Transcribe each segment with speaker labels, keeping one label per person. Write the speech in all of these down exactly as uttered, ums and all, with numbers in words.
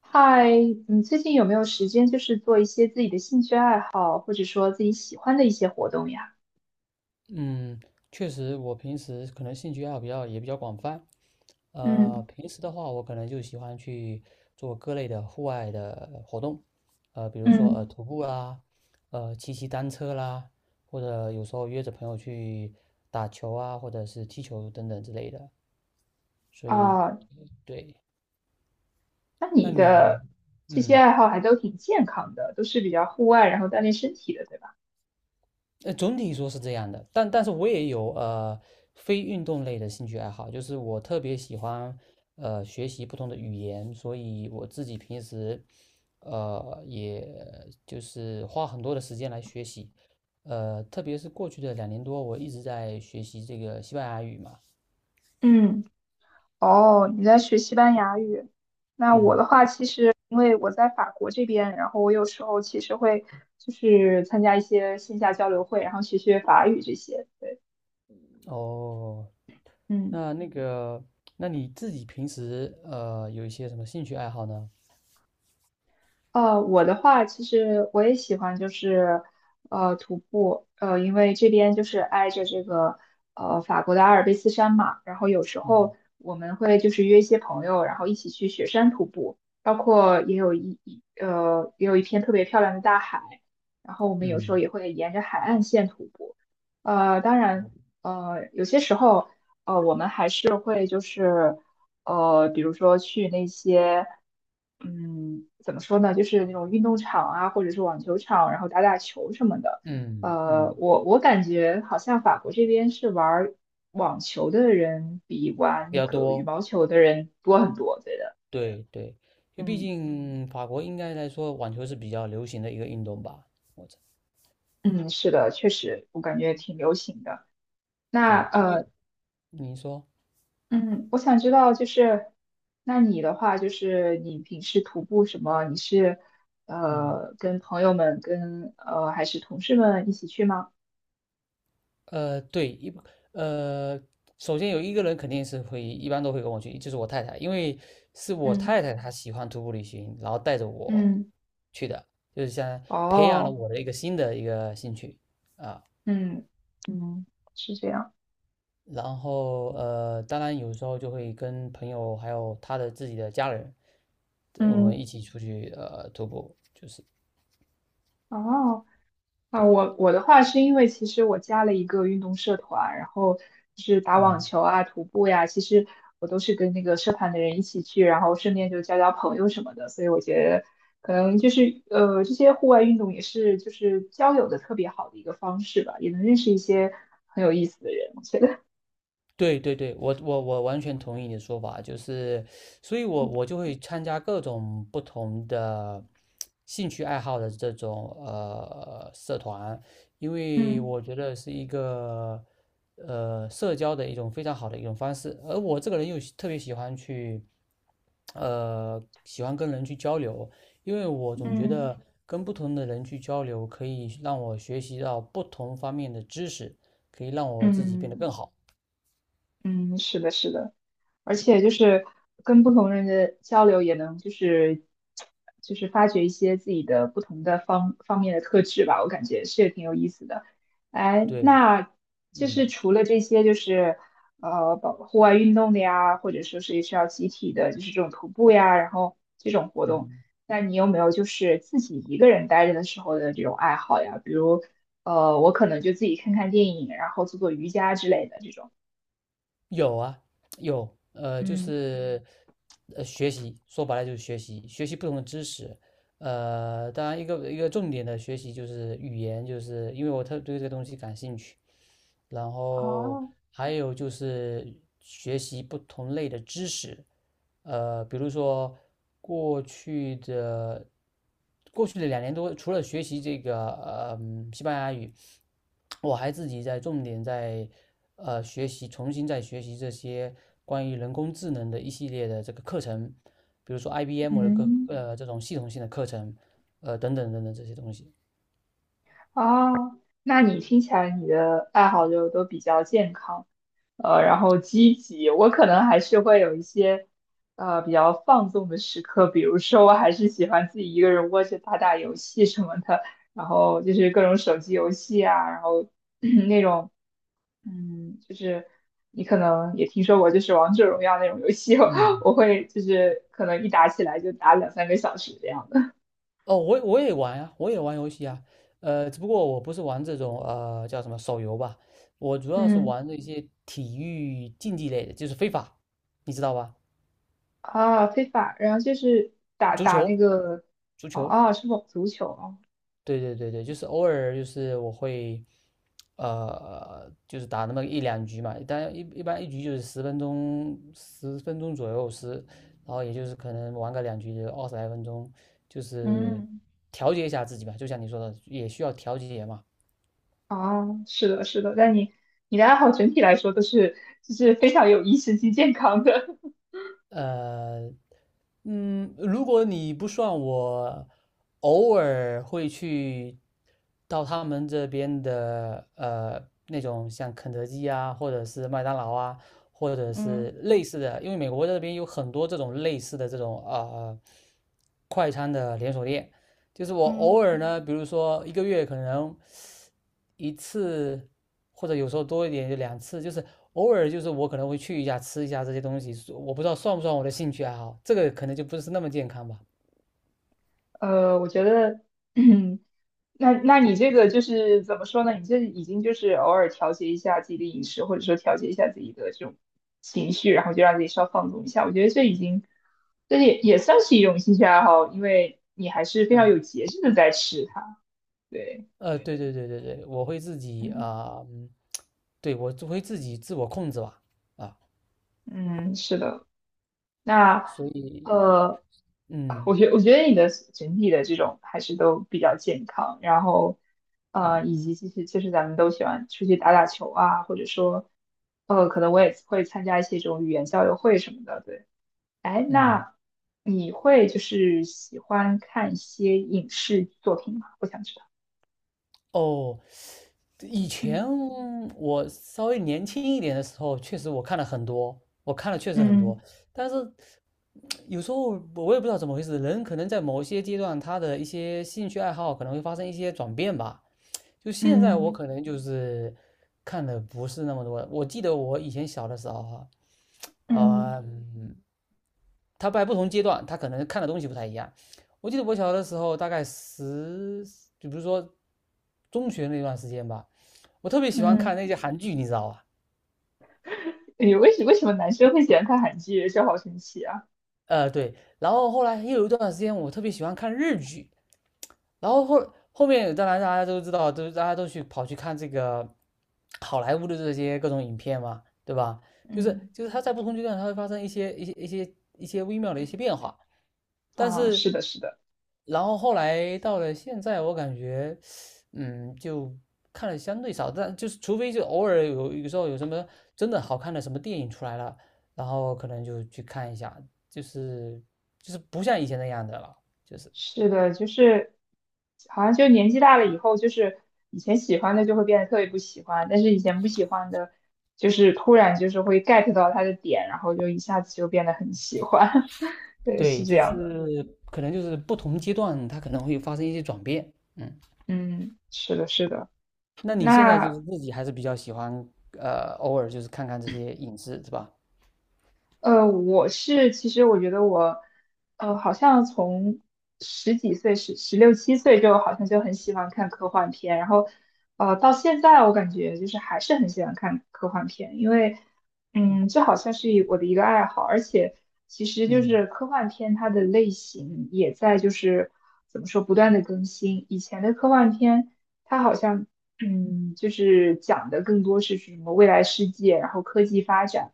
Speaker 1: 嗨，你最近有没有时间，就是做一些自己的兴趣爱好，或者说自己喜欢的一些活动呀？
Speaker 2: 嗯，确实，我平时可能兴趣爱好比较也比较广泛。呃，
Speaker 1: 嗯
Speaker 2: 平时的话，我可能就喜欢去做各类的户外的活动，呃，比如说呃
Speaker 1: 嗯，
Speaker 2: 徒步啦，呃骑骑单车啦，或者有时候约着朋友去打球啊，或者是踢球等等之类的。所以，
Speaker 1: 啊，
Speaker 2: 对。
Speaker 1: 那
Speaker 2: 那
Speaker 1: 你
Speaker 2: 你，
Speaker 1: 的这些
Speaker 2: 嗯。
Speaker 1: 爱好还都挺健康的，都是比较户外，然后锻炼身体的，对吧？
Speaker 2: 呃，总体说是这样的，但但是我也有呃非运动类的兴趣爱好，就是我特别喜欢呃学习不同的语言，所以我自己平时呃也就是花很多的时间来学习。呃，特别是过去的两年多，我一直在学习这个西班牙语嘛。
Speaker 1: 嗯，哦，你在学西班牙语？那我的
Speaker 2: 嗯。
Speaker 1: 话，其实因为我在法国这边，然后我有时候其实会就是参加一些线下交流会，然后学学法语这些。对，
Speaker 2: 哦，
Speaker 1: 嗯。
Speaker 2: 那那个，那你自己平时呃有一些什么兴趣爱好呢？
Speaker 1: 呃，我的话，其实我也喜欢，就是呃徒步，呃，因为这边就是挨着这个呃法国的阿尔卑斯山嘛，然后有时
Speaker 2: 嗯
Speaker 1: 候我们会就是约一些朋友，然后一起去雪山徒步，包括也有一一呃也有一片特别漂亮的大海，然后我们有时候
Speaker 2: 嗯
Speaker 1: 也会沿着海岸线徒步，呃，当然呃有些时候呃我们还是会就是。呃，比如说去那些，嗯，怎么说呢，就是那种运动场啊，或者是网球场，然后打打球什么的。
Speaker 2: 嗯
Speaker 1: 呃，
Speaker 2: 嗯，
Speaker 1: 我我感觉好像法国这边是玩儿网球的人比玩
Speaker 2: 比
Speaker 1: 那
Speaker 2: 较
Speaker 1: 个羽
Speaker 2: 多。
Speaker 1: 毛球的人多很多，我觉得。
Speaker 2: 对对，因为毕
Speaker 1: 嗯
Speaker 2: 竟法国应该来说网球是比较流行的一个运动吧。我这
Speaker 1: 嗯，是的，确实，我感觉挺流行的。那
Speaker 2: 对，因为
Speaker 1: 呃，
Speaker 2: 你说，
Speaker 1: 嗯，我想知道，就是那你的话，就是你平时徒步什么？你是
Speaker 2: 嗯。
Speaker 1: 呃跟朋友们跟呃还是同事们一起去吗？
Speaker 2: 呃，对，一呃，首先有一个人肯定是会，一般都会跟我去，就是我太太，因为是我
Speaker 1: 嗯
Speaker 2: 太太她喜欢徒步旅行，然后带着我
Speaker 1: 嗯，
Speaker 2: 去的，就是像培养了
Speaker 1: 哦，
Speaker 2: 我的一个新的一个兴趣。
Speaker 1: 嗯嗯，是这样，
Speaker 2: 然后呃，当然有时候就会跟朋友还有他的自己的家人，我们
Speaker 1: 嗯
Speaker 2: 一起出去呃徒步，就是
Speaker 1: 哦。啊，
Speaker 2: 对。
Speaker 1: 我我的话是因为其实我加了一个运动社团，然后就是打网
Speaker 2: 嗯，
Speaker 1: 球啊、徒步呀，其实我都是跟那个社团的人一起去，然后顺便就交交朋友什么的，所以我觉得可能就是呃这些户外运动也是就是交友的特别好的一个方式吧，也能认识一些很有意思的人，我觉得。
Speaker 2: 对对对，我我我完全同意你的说法，就是，所以我我就会参加各种不同的兴趣爱好的这种呃社团，因为
Speaker 1: 嗯
Speaker 2: 我觉得是一个呃社交的一种非常好的一种方式，而我这个人又喜特别喜欢去呃喜欢跟人去交流，因为我总觉
Speaker 1: 嗯
Speaker 2: 得跟不同的人去交流可以让我学习到不同方面的知识，可以让我自己变得更
Speaker 1: 嗯
Speaker 2: 好。
Speaker 1: 嗯，是的，是的。而且就是跟不同人的交流，也能就是就是发掘一些自己的不同的方方面的特质吧，我感觉是挺有意思的。哎，
Speaker 2: 对，
Speaker 1: 那就
Speaker 2: 嗯。
Speaker 1: 是除了这些，就是呃，包户外运动的呀，或者说是需要集体的，就是这种徒步呀，然后这种活动，
Speaker 2: 嗯，
Speaker 1: 那你有没有就是自己一个人待着的时候的这种爱好呀？比如呃，我可能就自己看看电影，然后做做瑜伽之类的这种。
Speaker 2: 有啊，有，呃，就
Speaker 1: 嗯
Speaker 2: 是呃，学习，说白了就是学习，学习不同的知识。呃，当然一个一个重点的学习就是语言，就是因为我特对这个东西感兴趣。然后
Speaker 1: 哦，
Speaker 2: 还有就是学习不同类的知识，呃，比如说过去的过去的两年多，除了学习这个呃嗯西班牙语，我还自己在重点在呃学习，重新在学习这些关于人工智能的一系列的这个课程，比如说 I B M 的各
Speaker 1: 嗯。
Speaker 2: 呃这种系统性的课程，呃等等等等这些东西。
Speaker 1: 哦，那你听起来你的爱好就都比较健康，呃，然后积极。我可能还是会有一些，呃，比较放纵的时刻，比如说我还是喜欢自己一个人窝着打打游戏什么的，然后就是各种手机游戏啊，然后 那种，嗯，就是你可能也听说过，就是王者荣耀那种游戏，
Speaker 2: 嗯。
Speaker 1: 我会就是可能一打起来就打两三个小时这样的。
Speaker 2: 哦，我我也玩呀，我也玩游戏啊。呃，只不过我不是玩这种呃叫什么手游吧，我主要是
Speaker 1: 嗯。
Speaker 2: 玩的一些体育竞技类的，就是非法，你知道吧？
Speaker 1: 啊，非法，然后就是打
Speaker 2: 足
Speaker 1: 打那
Speaker 2: 球，
Speaker 1: 个，
Speaker 2: 足
Speaker 1: 哦
Speaker 2: 球。
Speaker 1: 哦，是网足球哦，
Speaker 2: 对对对对，就是偶尔就是我会，呃，就是打那么一两局嘛。但一一般一局就是十分钟，十分钟左右十，然后也就是可能玩个两局就二十来分钟，就是
Speaker 1: 嗯，
Speaker 2: 调节一下自己吧，就像你说的，也需要调节嘛。
Speaker 1: 哦，是的，是的，但你你的爱好整体来说都是就是非常有益身心健康的。
Speaker 2: 呃，嗯，如果你不算我，偶尔会去到他们这边的呃那种像肯德基啊，或者是麦当劳啊，或者 是
Speaker 1: 嗯
Speaker 2: 类似的，因为美国这边有很多这种类似的这种啊呃快餐的连锁店。就是我
Speaker 1: 嗯。
Speaker 2: 偶尔呢，比如说一个月可能一次，或者有时候多一点就两次，就是偶尔就是我可能会去一下吃一下这些东西，我不知道算不算我的兴趣爱好，这个可能就不是那么健康吧。
Speaker 1: 呃，我觉得，嗯，那那你这个就是怎么说呢？你这已经就是偶尔调节一下自己的饮食，或者说调节一下自己的这种情绪，然后就让自己稍放纵一下。我觉得这已经，这也也算是一种兴趣爱好，因为你还是非常有
Speaker 2: 嗯，
Speaker 1: 节制的在吃它。对，
Speaker 2: 呃，对对对对对，我会自己
Speaker 1: 嗯，
Speaker 2: 啊，嗯对，我就会自己自我控制吧。啊，
Speaker 1: 嗯，是的。那
Speaker 2: 所以，
Speaker 1: 呃，我
Speaker 2: 嗯
Speaker 1: 觉我觉得你的整体的这种还是都比较健康，然后
Speaker 2: 嗯
Speaker 1: 呃，以及其实其实咱们都喜欢出去打打球啊，或者说呃，可能我也会参加一些这种语言交流会什么的，对。哎，
Speaker 2: 嗯。
Speaker 1: 那你会就是喜欢看一些影视作品吗？我想知道。
Speaker 2: 哦，以前
Speaker 1: 嗯
Speaker 2: 我稍微年轻一点的时候，确实我看了很多，我看了确实很多，
Speaker 1: 嗯
Speaker 2: 但是有时候我也不知道怎么回事，人可能在某些阶段，他的一些兴趣爱好可能会发生一些转变吧。就现在我
Speaker 1: 嗯
Speaker 2: 可能就是看的不是那么多了。我记得我以前小的时候哈，
Speaker 1: 嗯
Speaker 2: 呃嗯，他在不同阶段，他可能看的东西不太一样。我记得我小的时候，大概十，就比如说中学那段时间吧。我特别喜欢看
Speaker 1: 嗯
Speaker 2: 那些韩剧，你知道吧？
Speaker 1: 哎，为什为什么男生会喜欢看韩剧？这好神奇啊！
Speaker 2: 呃，对，然后后来又有一段时间，我特别喜欢看日剧，然后后后面当然大家都知道，都大家都去跑去看这个好莱坞的这些各种影片嘛，对吧？就
Speaker 1: 嗯，
Speaker 2: 是就是它在不同阶段它会发生一些一些一些一些微妙的一些变化。但
Speaker 1: 啊，
Speaker 2: 是
Speaker 1: 是的，是的。
Speaker 2: 然后后来到了现在，我感觉嗯就看的相对少，但就是除非就偶尔有有时候有什么真的好看的什么电影出来了，然后可能就去看一下，就是就是不像以前那样的了，就是。
Speaker 1: 是的，就是好像就年纪大了以后，就是以前喜欢的就会变得特别不喜欢，但是以前不喜欢的，就是突然就是会 get 到他的点，然后就一下子就变得很喜欢。对，是
Speaker 2: 对，
Speaker 1: 这
Speaker 2: 就
Speaker 1: 样的。
Speaker 2: 是可能就是不同阶段，它可能会发生一些转变。嗯，
Speaker 1: 嗯，是的，是的。
Speaker 2: 那你现在就
Speaker 1: 那
Speaker 2: 是自己还是比较喜欢，呃，偶尔就是看看这些影视，是吧？
Speaker 1: 呃，我是其实我觉得我，呃，好像从十几岁、十十六七岁就好像就很喜欢看科幻片，然后，呃，到现在我感觉就是还是很喜欢看科幻片，因为，嗯，
Speaker 2: 嗯
Speaker 1: 这好像是一我的一个爱好，而且其实就
Speaker 2: 嗯
Speaker 1: 是科幻片它的类型也在就是怎么说不断的更新，以前的科幻片它好像，嗯，就是讲的更多是什么未来世界，然后科技发展。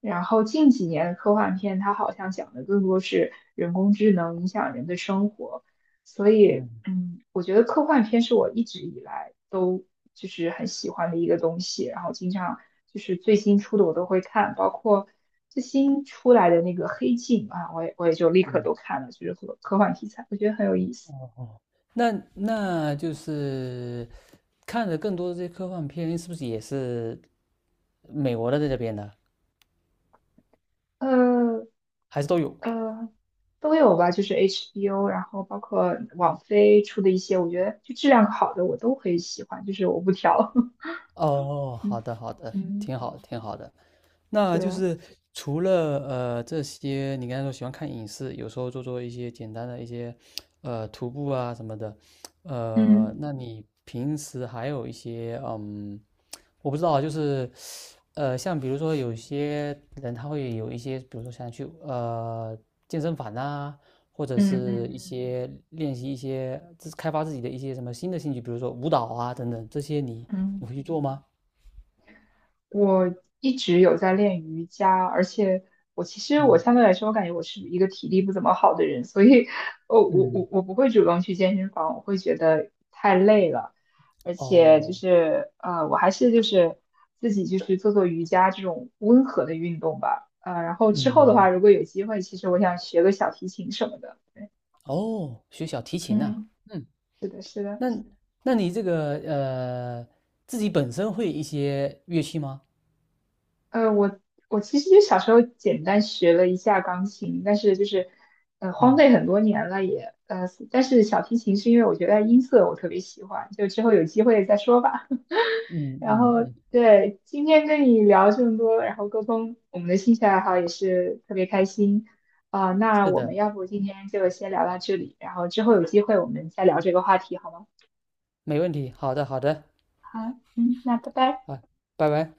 Speaker 1: 然后近几年的科幻片，它好像讲的更多是人工智能影响人的生活，所以，
Speaker 2: 嗯。
Speaker 1: 嗯，我觉得科幻片是我一直以来都就是很喜欢的一个东西，然后经常就是最新出的我都会看，包括最新出来的那个《黑镜》啊，我也我也就立刻都看了，就是科科幻题材，我觉得很有意思。
Speaker 2: 哦哦，那那就是看的更多的这些科幻片，是不是也是美国的在这边的，
Speaker 1: 呃，
Speaker 2: 还是都有？
Speaker 1: 呃，都有吧，就是 H B O，然后包括网飞出的一些，我觉得就质量好的我都会喜欢，就是我不挑。
Speaker 2: 哦，好
Speaker 1: 嗯
Speaker 2: 的好的，
Speaker 1: 嗯，
Speaker 2: 挺好挺好的。那
Speaker 1: 对
Speaker 2: 就
Speaker 1: 啊，
Speaker 2: 是除了呃这些，你刚才说喜欢看影视，有时候做做一些简单的一些呃徒步啊什么的。呃，
Speaker 1: 嗯
Speaker 2: 那你平时还有一些嗯，我不知道啊就是呃像比如说有些人他会有一些，比如说想去呃健身房啊，或者
Speaker 1: 嗯嗯
Speaker 2: 是一
Speaker 1: 嗯
Speaker 2: 些练习一些自开发自己的一些什么新的兴趣，比如说舞蹈啊等等，这些你你
Speaker 1: 嗯。
Speaker 2: 会去做吗？
Speaker 1: 我一直有在练瑜伽，而且我其实我相对来说，我感觉我是一个体力不怎么好的人，所以我我
Speaker 2: 嗯
Speaker 1: 我我不会主动去健身房，我会觉得太累了，而且就
Speaker 2: 哦，
Speaker 1: 是呃，我还是就是自己就是做做瑜伽这种温和的运动吧，呃，然后之后的
Speaker 2: 嗯。
Speaker 1: 话，如果有机会，其实我想学个小提琴什么的，
Speaker 2: 哦，学小提琴呐、
Speaker 1: 嗯，
Speaker 2: 嗯，
Speaker 1: 是的，是的。
Speaker 2: 那那你这个呃，自己本身会一些乐器吗？
Speaker 1: 呃，我我其实就小时候简单学了一下钢琴，但是就是呃荒
Speaker 2: 嗯
Speaker 1: 废很多年了也，呃，但是小提琴是因为我觉得音色我特别喜欢，就之后有机会再说吧。
Speaker 2: 嗯
Speaker 1: 然
Speaker 2: 嗯
Speaker 1: 后
Speaker 2: 嗯，
Speaker 1: 对，今天跟你聊这么多，然后沟通我们的兴趣爱好也是特别开心啊，那
Speaker 2: 是
Speaker 1: 我
Speaker 2: 的，
Speaker 1: 们要不今天就先聊到这里，然后之后有机会我们再聊这个话题好吗？
Speaker 2: 没问题。好的好的，
Speaker 1: 好，嗯，那拜拜。
Speaker 2: 啊，拜拜。